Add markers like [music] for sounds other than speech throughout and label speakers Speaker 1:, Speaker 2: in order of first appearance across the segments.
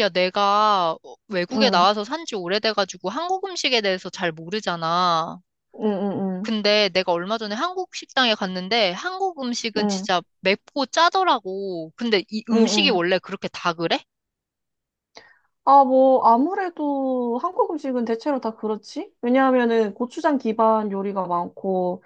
Speaker 1: 야, 내가 외국에
Speaker 2: 응,
Speaker 1: 나와서 산지 오래돼가지고 한국 음식에 대해서 잘 모르잖아.
Speaker 2: 응, 응,
Speaker 1: 근데 내가 얼마 전에 한국 식당에 갔는데 한국
Speaker 2: 응,
Speaker 1: 음식은
Speaker 2: 응,
Speaker 1: 진짜 맵고 짜더라고. 근데 이
Speaker 2: 응,
Speaker 1: 음식이
Speaker 2: 응.
Speaker 1: 원래 그렇게 다 그래?
Speaker 2: 아, 뭐, 아무래도 한국 음식은 대체로 다 그렇지? 왜냐하면은 고추장 기반 요리가 많고,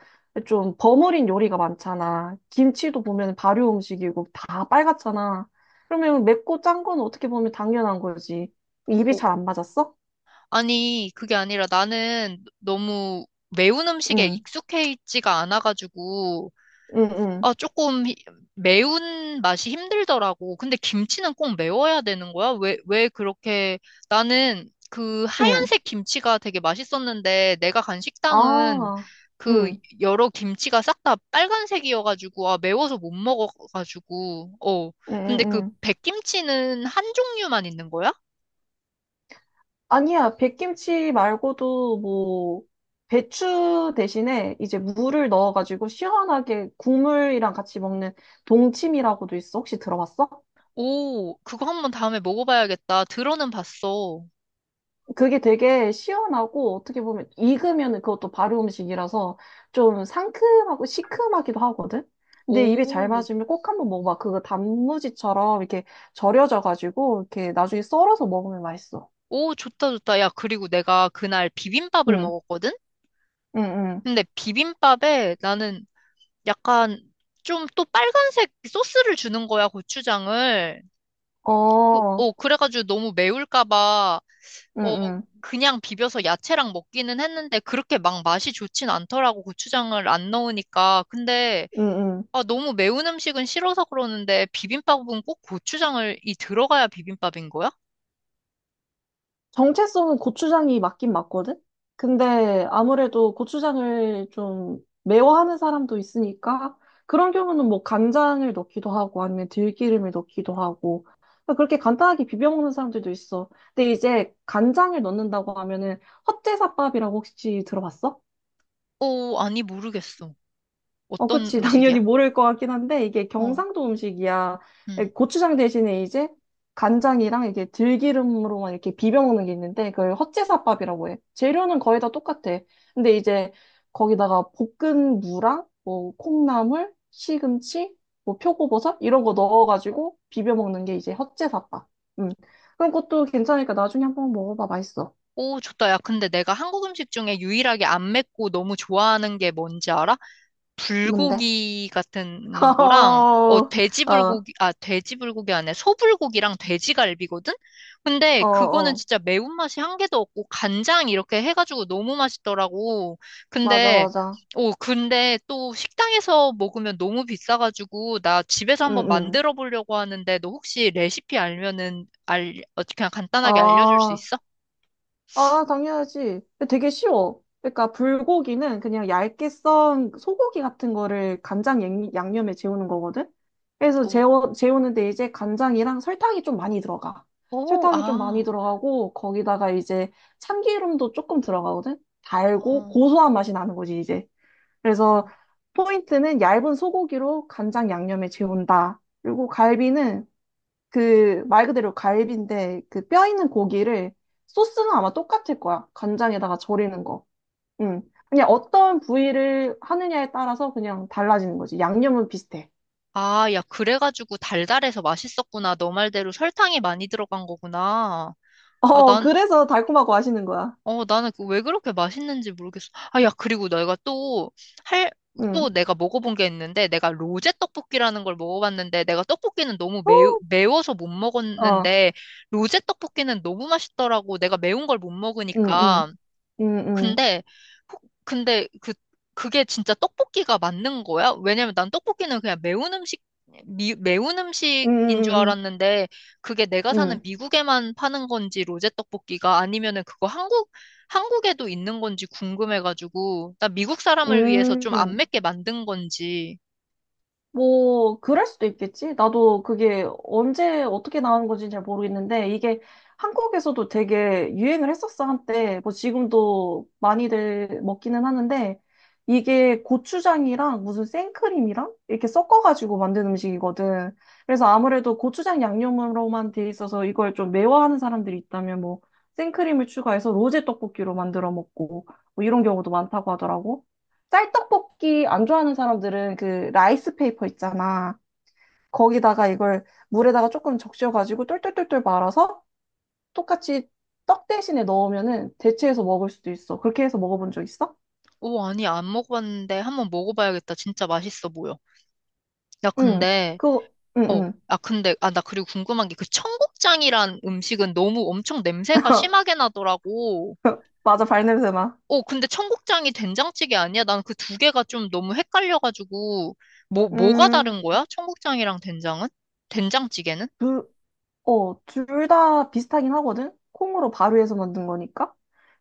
Speaker 2: 좀 버무린 요리가 많잖아. 김치도 보면 발효 음식이고, 다 빨갛잖아. 그러면 맵고 짠 건 어떻게 보면 당연한 거지. 입이
Speaker 1: 어,
Speaker 2: 잘 안 맞았어?
Speaker 1: 아니, 그게 아니라 나는 너무 매운 음식에
Speaker 2: 응,
Speaker 1: 익숙해 있지가 않아가지고
Speaker 2: 응, 응,
Speaker 1: 아, 조금 매운 맛이 힘들더라고. 근데 김치는 꼭 매워야 되는 거야? 왜 그렇게, 나는 그
Speaker 2: 응.
Speaker 1: 하얀색 김치가 되게 맛있었는데, 내가 간 식당은
Speaker 2: 아,
Speaker 1: 그
Speaker 2: 응,
Speaker 1: 여러 김치가 싹 다 빨간색이어가지고, 아, 매워서 못 먹어가지고, 어.
Speaker 2: 응,
Speaker 1: 근데
Speaker 2: 응,
Speaker 1: 그
Speaker 2: 응.
Speaker 1: 백김치는 한 종류만 있는 거야?
Speaker 2: 아니야, 백김치 말고도 뭐, 배추 대신에 이제 무를 넣어가지고 시원하게 국물이랑 같이 먹는 동치미라고도 있어. 혹시 들어봤어?
Speaker 1: 오, 그거 한번 다음에 먹어봐야겠다. 들어는 봤어.
Speaker 2: 그게 되게 시원하고 어떻게 보면 익으면 그것도 발효 음식이라서 좀 상큼하고 시큼하기도 하거든? 근데 입에 잘
Speaker 1: 오,
Speaker 2: 맞으면 꼭 한번 먹어봐. 그거 단무지처럼 이렇게 절여져가지고 이렇게 나중에 썰어서 먹으면 맛있어.
Speaker 1: 오, 좋다, 좋다. 야, 그리고 내가 그날 비빔밥을
Speaker 2: 응,
Speaker 1: 먹었거든?
Speaker 2: 응,
Speaker 1: 근데 비빔밥에 나는 약간 좀 또 빨간색 소스를 주는 거야, 고추장을.
Speaker 2: 응. 어,
Speaker 1: 그래가지고 너무 매울까 봐,
Speaker 2: 응,
Speaker 1: 어,
Speaker 2: 응,
Speaker 1: 그냥 비벼서 야채랑 먹기는 했는데 그렇게 막 맛이 좋진 않더라고, 고추장을 안 넣으니까. 근데,
Speaker 2: 응, 응.
Speaker 1: 아, 너무 매운 음식은 싫어서 그러는데 비빔밥은 꼭 고추장을 이 들어가야 비빔밥인 거야?
Speaker 2: 정체성은 고추장이 맞긴 맞거든? 근데 아무래도 고추장을 좀 매워하는 사람도 있으니까 그런 경우는 뭐 간장을 넣기도 하고 아니면 들기름을 넣기도 하고 그러니까 그렇게 간단하게 비벼 먹는 사람들도 있어. 근데 이제 간장을 넣는다고 하면은 헛제사밥이라고 혹시 들어봤어?
Speaker 1: 어, 아니, 모르겠어.
Speaker 2: 어,
Speaker 1: 어떤
Speaker 2: 그치. [laughs]
Speaker 1: 음식이야?
Speaker 2: 당연히 모를 것 같긴 한데, 이게
Speaker 1: 어,
Speaker 2: 경상도 음식이야. 예,
Speaker 1: 음.
Speaker 2: 고추장 대신에 이제 간장이랑 이게 들기름으로만 이렇게 비벼 먹는 게 있는데, 그걸 헛제사밥이라고 해. 재료는 거의 다 똑같아. 근데 이제 거기다가 볶은 무랑, 뭐, 콩나물, 시금치, 뭐, 표고버섯, 이런 거 넣어가지고 비벼 먹는 게 이제 헛제사밥. 음, 그런 것도 괜찮으니까 나중에 한번 먹어봐. 맛있어.
Speaker 1: 오, 좋다. 야, 근데 내가 한국 음식 중에 유일하게 안 맵고 너무 좋아하는 게 뭔지 알아?
Speaker 2: 뭔데?
Speaker 1: 불고기 같은 거랑, 어,
Speaker 2: [laughs]
Speaker 1: 돼지 불고기, 아, 돼지 불고기 안에 소불고기랑 돼지갈비거든? 근데
Speaker 2: 어, 어,
Speaker 1: 그거는
Speaker 2: 어,
Speaker 1: 진짜 매운맛이 한 개도 없고, 간장 이렇게 해가지고 너무 맛있더라고.
Speaker 2: 맞아,
Speaker 1: 근데,
Speaker 2: 맞아.
Speaker 1: 오, 근데 또 식당에서 먹으면 너무 비싸가지고, 나 집에서
Speaker 2: 응,
Speaker 1: 한번
Speaker 2: 응.
Speaker 1: 만들어 보려고 하는데, 너 혹시 레시피 알면은, 그냥 간단하게 알려줄 수
Speaker 2: 아,
Speaker 1: 있어?
Speaker 2: 아, 당연하지. 되게 쉬워. 그러니까 불고기는 그냥 얇게 썬 소고기 같은 거를 간장 양념에 재우는 거거든. 그래서 재워, 재우는데 이제 간장이랑 설탕이 좀 많이 들어가.
Speaker 1: 오,
Speaker 2: 설탕이 좀 많이
Speaker 1: 아,
Speaker 2: 들어가고 거기다가 이제 참기름도 조금 들어가거든. 달고
Speaker 1: 어,
Speaker 2: 고소한 맛이 나는 거지, 이제. 그래서
Speaker 1: 어.
Speaker 2: 포인트는 얇은 소고기로 간장 양념에 재운다. 그리고 갈비는 그 말 그대로 갈비인데 그 뼈 있는 고기를 소스는 아마 똑같을 거야. 간장에다가 절이는 거. 응. 그냥 어떤 부위를 하느냐에 따라서 그냥 달라지는 거지. 양념은 비슷해.
Speaker 1: 아, 야, 그래가지고 달달해서 맛있었구나. 너 말대로 설탕이 많이 들어간 거구나. 아,
Speaker 2: 어,
Speaker 1: 난,
Speaker 2: 그래서 달콤하고 맛있는 거야.
Speaker 1: 어, 나는 그 왜 그렇게 맛있는지 모르겠어. 아, 야, 그리고 내가 또 할,
Speaker 2: 응.
Speaker 1: 또 내가 먹어본 게 있는데, 내가 로제 떡볶이라는 걸 먹어봤는데, 내가 떡볶이는 너무 매워서 못
Speaker 2: 어,
Speaker 1: 먹었는데, 로제 떡볶이는 너무 맛있더라고. 내가 매운 걸 못
Speaker 2: 응, 응,
Speaker 1: 먹으니까.
Speaker 2: 응, 응,
Speaker 1: 근데 근데 그 그게 진짜 떡볶이가 맞는 거야? 왜냐면 난 떡볶이는 그냥 매운 음식 매운 음식인 줄
Speaker 2: 응,
Speaker 1: 알았는데 그게 내가
Speaker 2: 응,
Speaker 1: 사는
Speaker 2: 응,
Speaker 1: 미국에만 파는 건지 로제 떡볶이가 아니면은 그거 한국 한국에도 있는 건지 궁금해가지고 나 미국 사람을 위해서
Speaker 2: 응,
Speaker 1: 좀
Speaker 2: 응.
Speaker 1: 안 맵게 만든 건지
Speaker 2: 뭐, 그럴 수도 있겠지. 나도 그게 언제 어떻게 나온 건지 잘 모르겠는데, 이게 한국에서도 되게 유행을 했었어, 한때. 뭐, 지금도 많이들 먹기는 하는데, 이게 고추장이랑 무슨 생크림이랑 이렇게 섞어가지고 만든 음식이거든. 그래서 아무래도 고추장 양념으로만 돼 있어서 이걸 좀 매워하는 사람들이 있다면, 뭐, 생크림을 추가해서 로제 떡볶이로 만들어 먹고, 뭐 이런 경우도 많다고 하더라고. 쌀떡볶이 안 좋아하는 사람들은 그 라이스 페이퍼 있잖아. 거기다가 이걸 물에다가 조금 적셔가지고 똘똘똘똘 말아서 똑같이 떡 대신에 넣으면은 대체해서 먹을 수도 있어. 그렇게 해서 먹어본 적 있어?
Speaker 1: 오 아니 안 먹어봤는데 한번 먹어봐야겠다 진짜 맛있어 보여 야
Speaker 2: 응.
Speaker 1: 근데
Speaker 2: 그거, 응,
Speaker 1: 어.
Speaker 2: 응.
Speaker 1: 아, 근데, 아, 나 그리고 궁금한 게 그 청국장이란 음식은 너무 엄청 냄새가
Speaker 2: [laughs]
Speaker 1: 심하게 나더라고.
Speaker 2: 맞아, 발냄새 나.
Speaker 1: 어, 근데 청국장이 된장찌개 아니야? 난 그 두 개가 좀 너무 헷갈려가지고, 뭐가
Speaker 2: 음,
Speaker 1: 다른 거야? 청국장이랑 된장은? 된장찌개는?
Speaker 2: 그, 어, 둘 다 비슷하긴 하거든? 콩으로 발효해서 만든 거니까?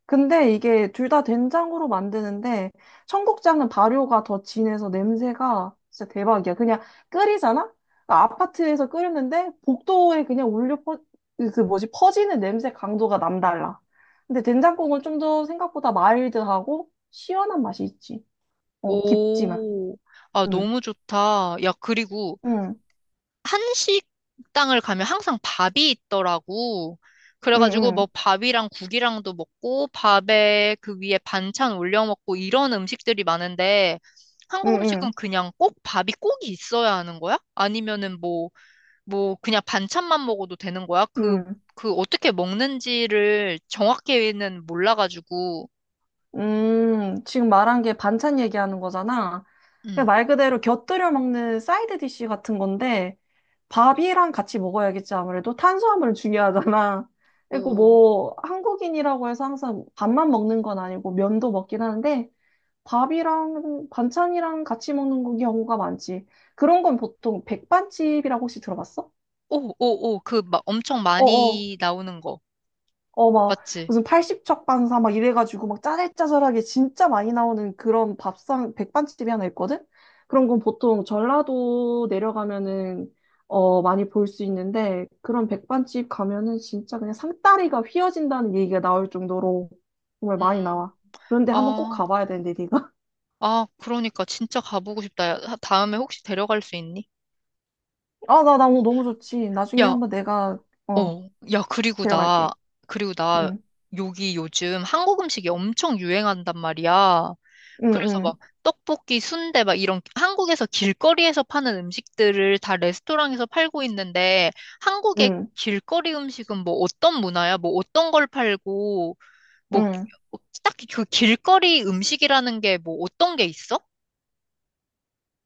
Speaker 2: 근데 이게 둘 다 된장으로 만드는데 청국장은 발효가 더 진해서 냄새가 진짜 대박이야. 그냥 끓이잖아? 그러니까 아파트에서 끓였는데 복도에 그냥 올려 그 뭐지 퍼지는 냄새 강도가 남달라. 근데 된장국은 좀 더 생각보다 마일드하고 시원한 맛이 있지. 어, 깊지만.
Speaker 1: 오, 아,
Speaker 2: 응,
Speaker 1: 너무 좋다. 야, 그리고
Speaker 2: 응,
Speaker 1: 한식당을 가면 항상 밥이 있더라고.
Speaker 2: 응,
Speaker 1: 그래가지고 뭐
Speaker 2: 응,
Speaker 1: 밥이랑 국이랑도 먹고 밥에 그 위에 반찬 올려 먹고 이런 음식들이 많은데
Speaker 2: 응,
Speaker 1: 한국 음식은
Speaker 2: 응,
Speaker 1: 그냥 꼭 밥이 꼭 있어야 하는 거야? 아니면은 뭐, 뭐 그냥 반찬만 먹어도 되는 거야? 그,
Speaker 2: 응.
Speaker 1: 그 어떻게 먹는지를 정확히는 몰라가지고,
Speaker 2: 지금 말한 게 반찬 얘기하는 거잖아. 그냥
Speaker 1: 음,
Speaker 2: 말 그대로 곁들여 먹는 사이드 디쉬 같은 건데, 밥이랑 같이 먹어야겠지, 아무래도. 탄수화물 중요하잖아. [laughs] 그리고
Speaker 1: 오,
Speaker 2: 뭐, 한국인이라고 해서 항상 밥만 먹는 건 아니고, 면도 먹긴 하는데, 밥이랑 반찬이랑 같이 먹는 경우가 많지. 그런 건 보통 백반집이라고 혹시 들어봤어?
Speaker 1: 오, 오, 오, 그 막 엄청
Speaker 2: 어어.
Speaker 1: 많이 나오는 거.
Speaker 2: 어, 막,
Speaker 1: 맞지?
Speaker 2: 무슨 80척 반사 막 이래가지고 막 짜잘짜잘하게 진짜 많이 나오는 그런 밥상, 백반집이 하나 있거든? 그런 건 보통 전라도 내려가면은, 어, 많이 볼 수 있는데, 그런 백반집 가면은 진짜 그냥 상다리가 휘어진다는 얘기가 나올 정도로 정말 많이
Speaker 1: 음,
Speaker 2: 나와. 그런데 한번 꼭
Speaker 1: 아.
Speaker 2: 가봐야 되는데, 네가. [laughs]
Speaker 1: 아, 그러니까 진짜 가보고 싶다. 야, 다음에 혹시 데려갈 수 있니?
Speaker 2: 아, 나, 나 너무 너무 좋지. 나중에
Speaker 1: 야,
Speaker 2: 한번 내가, 어,
Speaker 1: 어, 야, 그리고 나,
Speaker 2: 데려갈게.
Speaker 1: 그리고 나,
Speaker 2: 응,
Speaker 1: 여기 요즘 한국 음식이 엄청 유행한단 말이야.
Speaker 2: 응,
Speaker 1: 그래서 막
Speaker 2: 응,
Speaker 1: 떡볶이, 순대 막 이런 한국에서 길거리에서 파는 음식들을 다 레스토랑에서 팔고 있는데 한국의
Speaker 2: 응,
Speaker 1: 길거리 음식은 뭐 어떤 문화야? 뭐 어떤 걸 팔고 뭐
Speaker 2: 응.
Speaker 1: 딱히 그 길거리 음식이라는 게 뭐 어떤 게 있어?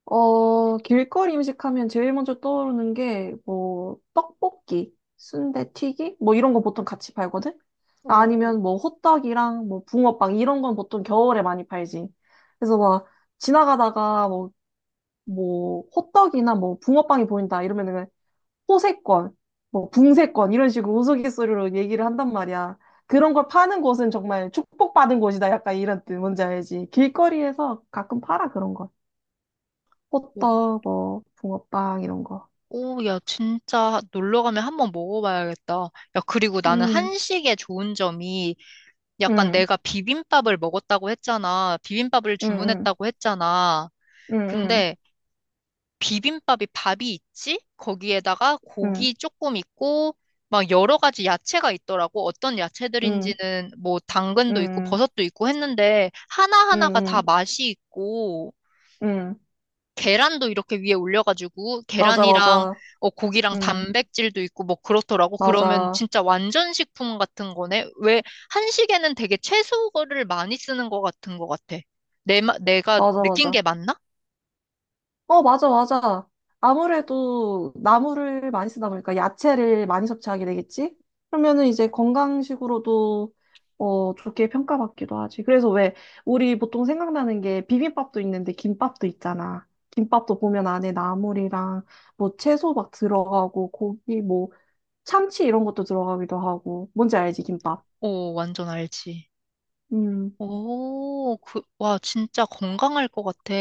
Speaker 2: 어, 길거리 음식 하면 제일 먼저 떠오르는 게, 뭐, 떡볶이, 순대튀기? 뭐 이런 거 보통 같이 팔거든?
Speaker 1: 오,
Speaker 2: 아니면 뭐 호떡이랑 뭐 붕어빵 이런 건 보통 겨울에 많이 팔지. 그래서 막 지나가다가 뭐, 뭐 호떡이나 뭐 붕어빵이 보인다 이러면은 호세권, 뭐 붕세권 이런 식으로 우스갯소리로 얘기를 한단 말이야. 그런 걸 파는 곳은 정말 축복받은 곳이다. 약간 이런 뜻 뭔지 알지? 길거리에서 가끔 팔아 그런 걸.
Speaker 1: 오.
Speaker 2: 호떡, 뭐, 붕어빵, 이런 거.
Speaker 1: 오, 야, 진짜 놀러 가면 한번 먹어봐야겠다. 야, 그리고 나는
Speaker 2: 음,
Speaker 1: 한식의 좋은 점이 약간
Speaker 2: 응,
Speaker 1: 내가 비빔밥을 먹었다고 했잖아. 비빔밥을
Speaker 2: 응, 응,
Speaker 1: 주문했다고 했잖아.
Speaker 2: 응, 응,
Speaker 1: 근데 비빔밥이 밥이 있지? 거기에다가
Speaker 2: 응,
Speaker 1: 고기 조금 있고, 막 여러 가지 야채가 있더라고. 어떤
Speaker 2: 응,
Speaker 1: 야채들인지는 뭐 당근도 있고
Speaker 2: 응,
Speaker 1: 버섯도 있고 했는데
Speaker 2: 응,
Speaker 1: 하나하나가 다
Speaker 2: 응,
Speaker 1: 맛이 있고,
Speaker 2: 응.
Speaker 1: 계란도 이렇게 위에 올려가지고
Speaker 2: 맞아,
Speaker 1: 계란이랑
Speaker 2: 맞아.
Speaker 1: 어, 고기랑
Speaker 2: 응,
Speaker 1: 단백질도 있고 뭐 그렇더라고. 그러면
Speaker 2: 맞아,
Speaker 1: 진짜 완전 식품 같은 거네. 왜 한식에는 되게 채소를 많이 쓰는 것 같은 것 같아. 내가
Speaker 2: 맞아,
Speaker 1: 느낀
Speaker 2: 맞아.
Speaker 1: 게 맞나?
Speaker 2: 어, 맞아, 맞아. 아무래도 나물을 많이 쓰다 보니까 야채를 많이 섭취하게 되겠지? 그러면은 이제 건강식으로도 어, 좋게 평가받기도 하지. 그래서 왜 우리 보통 생각나는 게 비빔밥도 있는데 김밥도 있잖아. 김밥도 보면 안에 나물이랑 뭐 채소 막 들어가고 고기 뭐 참치 이런 것도 들어가기도 하고. 뭔지 알지, 김밥?
Speaker 1: 오, 완전 알지.
Speaker 2: 음,
Speaker 1: 오, 그, 와, 진짜 건강할 것 같아.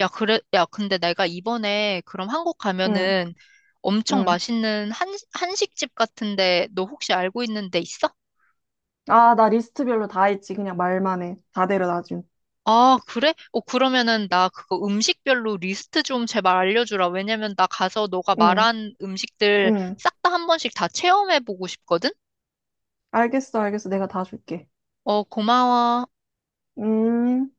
Speaker 1: 야, 그래, 야, 근데 내가 이번에 그럼 한국
Speaker 2: 응,
Speaker 1: 가면은 엄청
Speaker 2: 응.
Speaker 1: 맛있는 한식집 같은데 너 혹시 알고 있는 데 있어?
Speaker 2: 아, 나 리스트별로 다 했지. 그냥 말만 해. 다 데려다 줌.
Speaker 1: 아, 그래? 어, 그러면은 나 그거 음식별로 리스트 좀 제발 알려주라. 왜냐면 나 가서 너가
Speaker 2: 응,
Speaker 1: 말한 음식들
Speaker 2: 응.
Speaker 1: 싹 다 한 번씩 다 체험해보고 싶거든?
Speaker 2: 알겠어, 알겠어. 내가 다 줄게.
Speaker 1: 어, 고마워.
Speaker 2: 음.